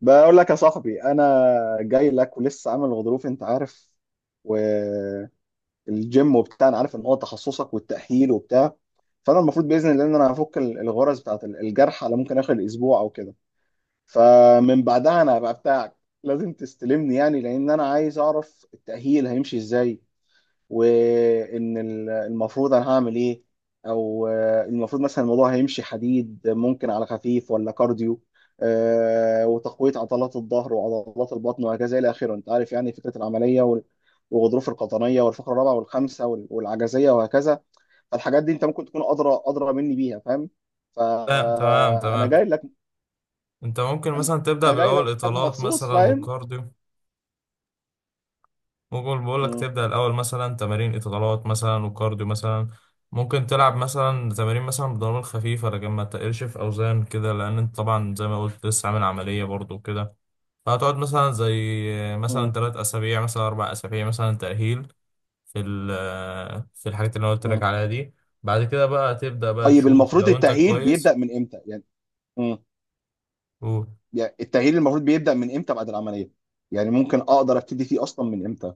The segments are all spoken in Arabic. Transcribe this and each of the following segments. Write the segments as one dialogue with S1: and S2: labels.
S1: بقول لك يا صاحبي، انا جاي لك ولسه عامل غضروف. انت عارف، والجيم وبتاع. انا عارف ان هو تخصصك والتأهيل وبتاع. فانا المفروض باذن الله ان انا هفك الغرز بتاعت الجرح، على ممكن اخر اسبوع او كده. فمن بعدها انا هبقى بتاعك. لازم تستلمني يعني، لان انا عايز اعرف التأهيل هيمشي ازاي. وان المفروض انا هعمل ايه، او المفروض مثلا الموضوع هيمشي حديد. ممكن على خفيف، ولا كارديو. وتقويه عضلات الظهر وعضلات البطن وهكذا الى اخره. انت عارف يعني فكره العمليه، والغضروف القطنيه والفقره الرابعه والخامسه، والعجزيه وهكذا. فالحاجات دي انت ممكن تكون ادرى ادرى مني بيها، فاهم؟
S2: لا، تمام
S1: فانا
S2: تمام.
S1: جاي لك.
S2: انت ممكن
S1: انا
S2: مثلا تبدأ
S1: جاي
S2: بالأول
S1: لك
S2: إطالات
S1: مخصوص،
S2: مثلا
S1: فاهم؟
S2: وكارديو. ممكن بقول لك
S1: مم.
S2: تبدأ الأول مثلا تمارين إطالات مثلا وكارديو مثلا. ممكن تلعب مثلا تمارين مثلا بدمبل خفيفة، لكن ما تقلش في أوزان كده، لأن انت طبعا زي ما قلت لسه عامل عملية برضو كده. فهتقعد مثلا زي مثلا
S1: مم.
S2: 3 أسابيع مثلا 4 أسابيع مثلا تأهيل في الحاجات اللي أنا قلت لك
S1: مم.
S2: عليها دي. بعد كده بقى تبدأ بقى
S1: طيب،
S2: تشوف
S1: المفروض
S2: لو انت
S1: التأهيل
S2: كويس.
S1: بيبدأ من امتى؟ يعني، التغيير المفروض بيبدأ من امتى بعد العملية؟ يعني ممكن اقدر ابتدي فيه اصلا من امتى؟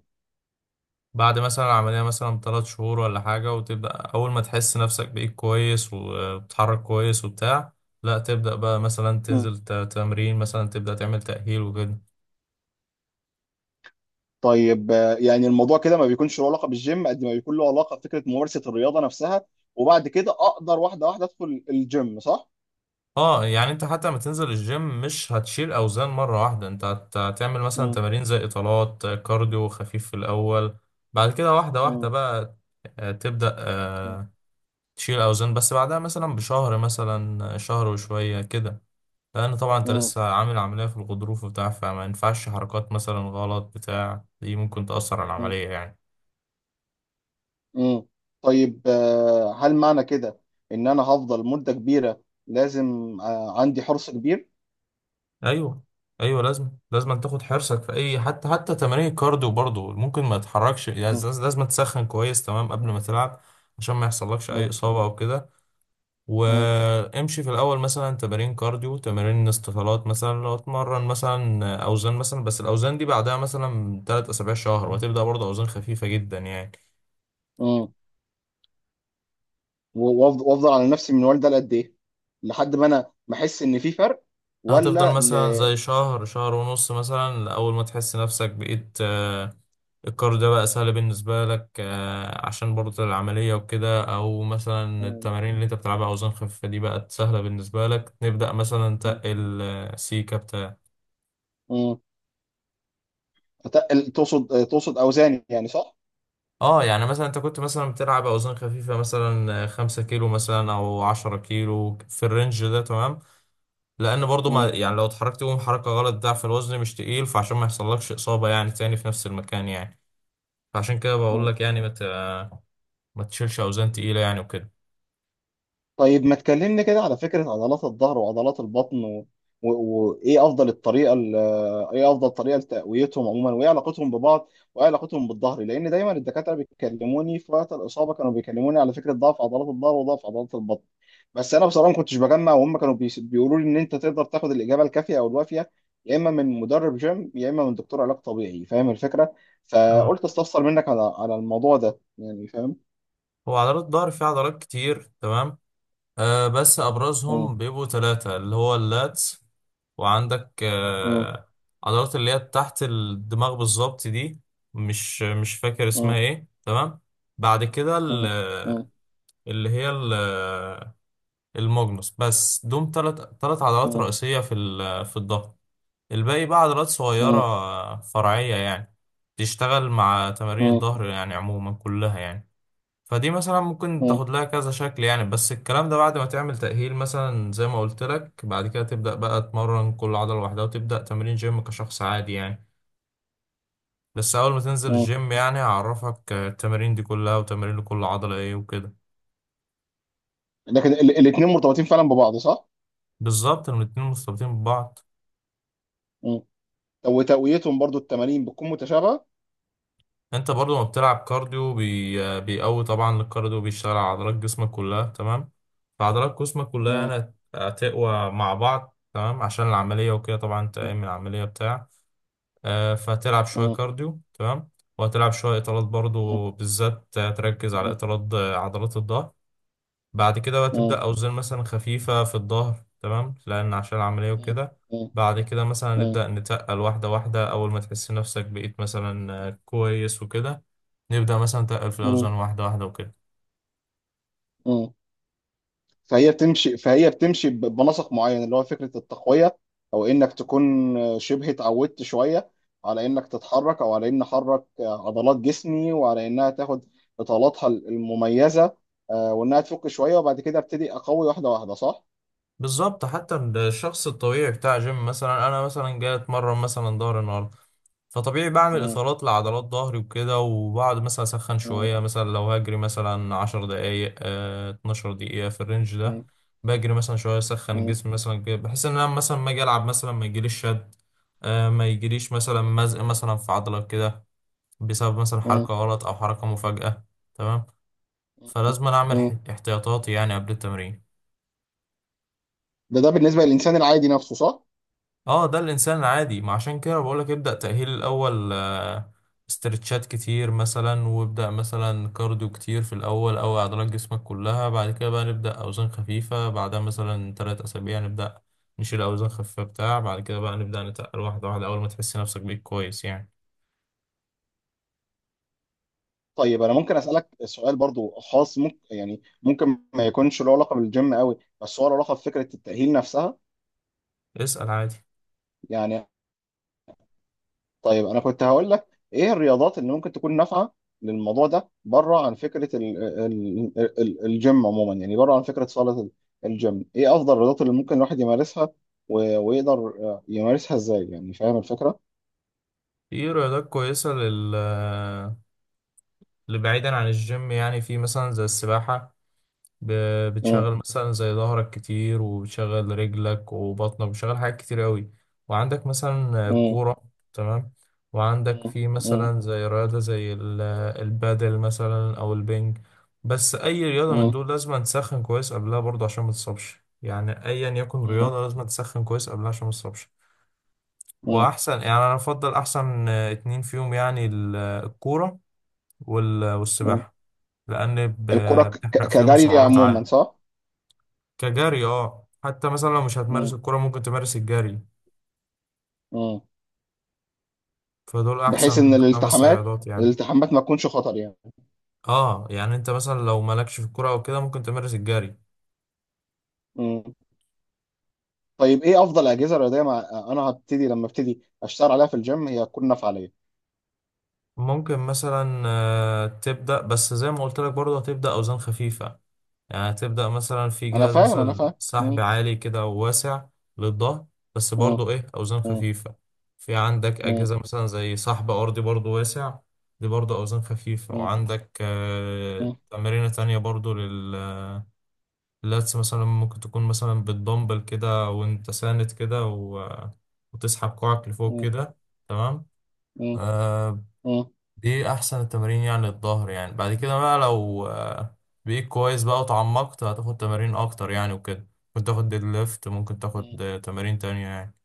S2: بعد مثلا العملية مثلا 3 شهور ولا حاجة، وتبدأ أول ما تحس نفسك بإيد كويس وبتتحرك كويس وبتاع، لا تبدأ بقى مثلا
S1: مم.
S2: تنزل تمرين، مثلا تبدأ تعمل تأهيل وكده.
S1: طيب، يعني الموضوع كده ما بيكونش له علاقة بالجيم قد ما بيكون له علاقة بفكرة ممارسة الرياضة نفسها. وبعد كده اقدر واحدة واحدة ادخل الجيم، صح؟
S2: اه، يعني انت حتى لما تنزل الجيم مش هتشيل أوزان مرة واحدة. انت هتعمل مثلا
S1: مم.
S2: تمارين زي إطالات كارديو خفيف في الأول. بعد كده واحدة واحدة
S1: مم.
S2: بقى. تبدأ
S1: مم.
S2: تشيل أوزان، بس بعدها مثلا بشهر مثلا شهر وشوية كده. لأن طبعا أنت
S1: مم.
S2: لسه عامل عملية في الغضروف وبتاع، فما ينفعش حركات مثلا غلط بتاع. دي ممكن تأثر على
S1: مم.
S2: العملية يعني.
S1: مم. طيب، هل معنى كده ان انا هفضل مدة كبيرة لازم، عندي حرص كبير؟
S2: أيوه أيوه، لازم لازم تاخد حرصك في أي حتى حتى تمارين الكارديو برضه. ممكن ما تتحركش يعني،
S1: مم.
S2: لازم تسخن كويس تمام قبل ما تلعب، عشان ما يحصلكش أي
S1: مم.
S2: إصابة أو كده. وامشي في الأول مثلا تمارين كارديو تمارين استطالات مثلا، لو اتمرن مثلا أوزان مثلا بس الأوزان دي بعدها مثلا تلات أسابيع شهر، وهتبدأ برضه أوزان خفيفة جدا يعني.
S1: مم. وافضل على نفسي من والده لقد ايه، لحد ما انا ما احس ان في فرق،
S2: هتفضل
S1: ولا
S2: مثلا زي شهر شهر ونص مثلا، أول ما تحس نفسك بقيت القرار ده بقى سهل بالنسبة لك، عشان برضه العملية وكده، أو مثلا
S1: مم.
S2: التمارين اللي أنت بتلعبها أوزان خفيفة دي بقت سهلة بالنسبة لك، نبدأ مثلا
S1: مم.
S2: تقل سيكة بتاع.
S1: مم. تقصد تقصد اوزاني يعني، صح؟
S2: اه، يعني مثلا انت كنت مثلا بتلعب اوزان خفيفه مثلا 5 كيلو مثلا او 10 كيلو في الرينج ده تمام. لان برضو ما
S1: مم.
S2: يعني لو اتحركت يوم حركه غلط ضعف الوزن مش تقيل، فعشان ما يحصلكش اصابه يعني تاني في نفس المكان يعني. فعشان كده بقول
S1: مم.
S2: لك يعني ما تشيلش اوزان تقيله يعني وكده.
S1: طيب ما تكلمني كده على فكرة عضلات الظهر وعضلات البطن و... وإيه أفضل الطريقة إيه أفضل طريقة لتقويتهم عموما، وإيه علاقتهم ببعض، وإيه علاقتهم بالظهر. لأن دايما الدكاترة بيكلموني في وقت الإصابة، كانوا بيكلموني على فكرة ضعف عضلات الظهر وضعف عضلات البطن. بس أنا بصراحة ما كنتش بجمع، وهم كانوا بيقولوا لي إن أنت تقدر تاخد الإجابة الكافية أو الوافية، يا إما من مدرب جيم يا إما من دكتور علاج طبيعي، فاهم الفكرة.
S2: اه،
S1: فقلت أستفسر منك على الموضوع ده يعني، فاهم؟
S2: هو عضلات الظهر فيها عضلات كتير تمام. آه، بس
S1: مم.
S2: ابرزهم بيبقوا ثلاثه، اللي هو اللاتس، وعندك
S1: مم.
S2: آه، عضلات اللي هي تحت الدماغ بالظبط دي، مش فاكر
S1: مم.
S2: اسمها ايه تمام. بعد كده
S1: مم.
S2: اللي هي الماجنوس، بس دوم ثلاث. ثلاث عضلات
S1: مم.
S2: رئيسيه في الظهر. الباقي بقى عضلات
S1: مم.
S2: صغيرة فرعية يعني، تشتغل مع تمارين
S1: مم.
S2: الظهر يعني عموما كلها يعني. فدي مثلا ممكن
S1: مم.
S2: تاخد لها كذا شكل يعني، بس الكلام ده بعد ما تعمل تأهيل مثلا زي ما قلت لك. بعد كده تبدأ بقى تمرن كل عضلة لوحدها، وتبدأ تمرين جيم كشخص عادي يعني. بس أول ما تنزل
S1: مم.
S2: الجيم يعني هعرفك التمارين دي كلها، وتمارين لكل عضلة ايه وكده.
S1: لكن الاثنين مرتبطين فعلا ببعض، صح؟
S2: بالظبط، إن الاتنين مرتبطين ببعض.
S1: مم. وتقويتهم برضو، التمارين بتكون متشابهة.
S2: انت برضو ما بتلعب كارديو، بيقوي طبعا. الكارديو بيشتغل على عضلات جسمك كلها تمام، فعضلات جسمك كلها
S1: مم.
S2: يعني هتقوى مع بعض تمام، عشان العملية وكده. طبعا انت
S1: مم.
S2: قايم من العملية بتاع، فتلعب شوية
S1: مم.
S2: كارديو تمام، وهتلعب شوية اطالات برضو، بالذات تركز على
S1: مم.
S2: اطالات عضلات الظهر. بعد كده بقى تبدأ
S1: مم.
S2: أوزان مثلا خفيفة في الظهر تمام، لأن عشان العملية
S1: مم.
S2: وكده. بعد كده مثلا
S1: مم.
S2: نبدأ نتقل واحدة واحدة، أول ما تحس نفسك بقيت مثلا كويس وكده، نبدأ مثلا نتقل في الأوزان
S1: مم.
S2: واحدة واحدة وكده.
S1: مم. فهي بتمشي بنسق معين، اللي هو فكرة التقوية، او انك تكون شبه اتعودت شوية على انك تتحرك، او على ان احرك عضلات جسمي وعلى انها تاخد اطالاتها المميزة، وانها تفك شوية، وبعد كده ابتدي اقوي واحدة واحدة، صح؟
S2: بالظبط، حتى الشخص الطبيعي بتاع جيم، مثلا أنا مثلا جاي أتمرن مثلا ظهر النهاردة، فطبيعي بعمل إطالات لعضلات ظهري وكده، وبعد مثلا أسخن
S1: مم.
S2: شوية مثلا، لو هجري مثلا 10 دقايق 12 دقيقة في الرينج ده.
S1: مم.
S2: بجري مثلا شوية أسخن
S1: مم.
S2: الجسم مثلا كده، بحيث إن أنا مثلا ما أجي ألعب مثلا ما يجيليش شد، ما يجيليش مثلا مزق مثلا في عضلة كده، بسبب مثلا
S1: مم.
S2: حركة غلط أو حركة مفاجأة. تمام.
S1: مم.
S2: فلازم أنا أعمل
S1: مم.
S2: احتياطاتي يعني قبل التمرين.
S1: ده بالنسبة للإنسان العادي نفسه، صح؟
S2: اه، ده الانسان العادي. ما عشان كده بقولك ابدأ تأهيل الاول، استرتشات كتير مثلا، وابدأ مثلا كارديو كتير في الاول او عضلات جسمك كلها. بعد كده بقى نبدأ اوزان خفيفة، بعدها مثلا 3 اسابيع نبدأ نشيل اوزان خفيفة بتاع. بعد كده بقى نبدأ نتقل واحدة واحدة اول ما تحس نفسك بيك كويس يعني.
S1: طيب أنا ممكن أسألك سؤال برضو خاص. ممكن يعني ممكن ما يكونش له علاقة بالجيم قوي، بس هو له علاقة بفكرة التأهيل نفسها.
S2: اسأل عادي.
S1: يعني، طيب أنا كنت هقول لك إيه الرياضات اللي ممكن تكون نافعة للموضوع ده، بره عن فكرة ال ال ال الجيم عموما، يعني بره عن فكرة صالة الجيم. إيه أفضل الرياضات اللي ممكن الواحد يمارسها، ويقدر يمارسها إزاي يعني، فاهم الفكرة؟
S2: في رياضات كويسة لل اللي بعيدا عن الجيم يعني. في مثلا زي السباحة،
S1: مم.
S2: بتشغل مثلا زي ظهرك كتير، وبتشغل رجلك وبطنك، بتشغل حاجات كتير قوي. وعندك مثلا
S1: مم.
S2: كورة تمام. وعندك في
S1: مم.
S2: مثلا زي رياضة البادل مثلا أو البنج. بس أي رياضة من
S1: مم.
S2: دول لازم تسخن كويس قبلها برضه عشان ما تتصابش يعني. أيا يكن
S1: مم.
S2: رياضة لازم تسخن كويس قبلها عشان ما تتصابش.
S1: مم.
S2: وأحسن يعني أنا أفضل أحسن اتنين فيهم يعني الكورة
S1: مم.
S2: والسباحة، لأن
S1: الكرة
S2: بتحرق فيهم
S1: كجري
S2: سعرات
S1: عموما،
S2: عالية.
S1: صح؟
S2: كجري اه، حتى مثلا لو مش
S1: مم.
S2: هتمارس الكرة ممكن تمارس الجري.
S1: مم.
S2: فدول
S1: بحيث ان
S2: أحسن خمس رياضات يعني.
S1: الالتحامات ما تكونش خطر يعني.
S2: اه، يعني انت مثلا لو مالكش في الكرة او كده ممكن تمارس الجري.
S1: مم. طيب ايه افضل اجهزه رياضيه، مع انا هبتدي لما ابتدي اشتغل عليها في الجيم هي تكون نافعه ليا.
S2: ممكن مثلا تبدأ، بس زي ما قلت لك برضه هتبدأ أوزان خفيفة. يعني هتبدأ مثلا في
S1: انا
S2: جهاز
S1: فاهم، انا
S2: مثلا
S1: فاهم.
S2: سحب
S1: مم.
S2: عالي كده وواسع للظهر، بس
S1: مم.
S2: برضه ايه أوزان
S1: مم.
S2: خفيفة. في عندك
S1: مم.
S2: أجهزة مثلا زي سحب أرضي برضه واسع، دي برضه أوزان خفيفة.
S1: مم.
S2: وعندك
S1: مم.
S2: تمارين تانية برضه لل اللاتس مثلا. ممكن تكون مثلا بالدمبل كده وانت ساند كده، و... وتسحب كوعك لفوق
S1: مم.
S2: كده. تمام.
S1: مم.
S2: آه، دي احسن التمارين يعني للظهر يعني. بعد كده بقى لو آه بقيت كويس بقى وتعمقت، هتاخد تمارين اكتر يعني وكده. ممكن تاخد ديد ليفت، ممكن
S1: مم.
S2: تاخد تمارين تانية يعني.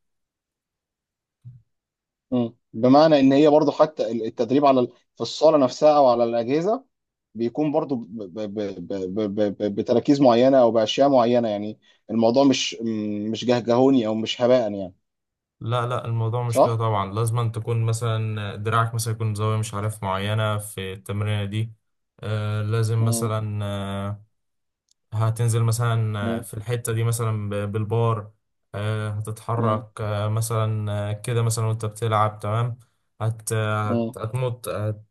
S1: مم. بمعنى ان هي برضو، حتى التدريب على في الصاله نفسها او على الاجهزه، بيكون برضو بتراكيز معينة أو بأشياء معينة، يعني الموضوع مش مش جهجهوني أو مش هباء يعني،
S2: لا لا، الموضوع مش كده
S1: صح؟
S2: طبعا. لازم أن تكون مثلا دراعك مثلا يكون زاوية مش عارف معينة في التمرينة دي. آه لازم
S1: مم.
S2: مثلا هتنزل مثلا
S1: مم.
S2: في الحتة دي مثلا بالبار.
S1: مم.
S2: هتتحرك مثلا كده مثلا وانت بتلعب تمام.
S1: مم.
S2: هتمط،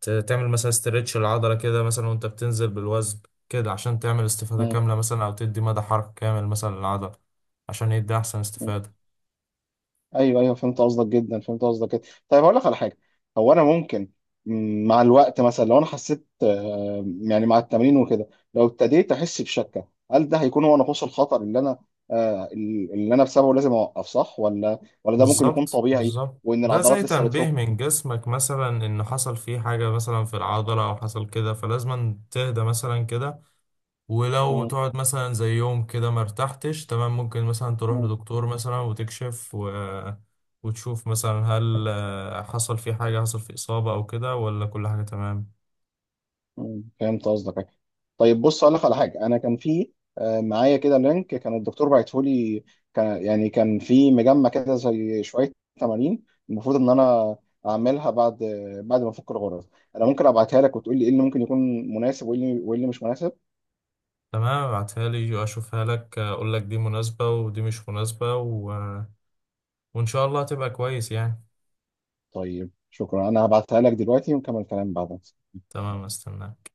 S2: هتعمل مثلا استرتش العضلة كده مثلا وانت بتنزل بالوزن كده، عشان تعمل استفادة
S1: مم.
S2: كاملة مثلا، او تدي مدى حركة كامل مثلا للعضلة، عشان يدي احسن
S1: مم.
S2: استفادة.
S1: أيوه، أيوه، فهمت قصدك جدا، فهمت قصدك جدا. طيب هقول لك على حاجة. هو أنا ممكن، مع الوقت مثلا لو أنا حسيت، يعني مع التمرين وكده، لو ابتديت أحس بشكة، هل ده هيكون هو نقص الخطر اللي أنا بسببه لازم أوقف، صح؟ ولا ده ممكن يكون
S2: بالظبط
S1: طبيعي
S2: بالظبط،
S1: وإن
S2: ده زي
S1: العضلات لسه
S2: تنبيه
S1: بتفك؟
S2: من جسمك مثلا ان حصل فيه حاجة مثلا في العضلة او حصل كده، فلازم تهدى مثلا كده. ولو تقعد مثلا زي يوم كده ما ارتحتش تمام، ممكن مثلا تروح
S1: مم.
S2: لدكتور مثلا وتكشف، و... وتشوف مثلا هل آه، حصل في حاجة حصل في إصابة أو كده، ولا كل حاجة تمام.
S1: مم. فهمت قصدك. طيب بص، اقول لك على حاجه. انا كان في، معايا كده لينك، كان الدكتور باعته لي. كان في مجمع كده زي شويه تمارين، المفروض ان انا اعملها بعد ما افك الغرز. انا ممكن ابعتها لك وتقول لي ايه اللي ممكن يكون مناسب وايه اللي مش مناسب.
S2: تمام، ابعتها لي وأشوفها لك، أقول لك دي مناسبة ودي مش مناسبة، و... وإن شاء الله هتبقى كويس يعني.
S1: طيب شكرا، انا هبعتها لك دلوقتي ونكمل الكلام بعدين.
S2: تمام، استناك.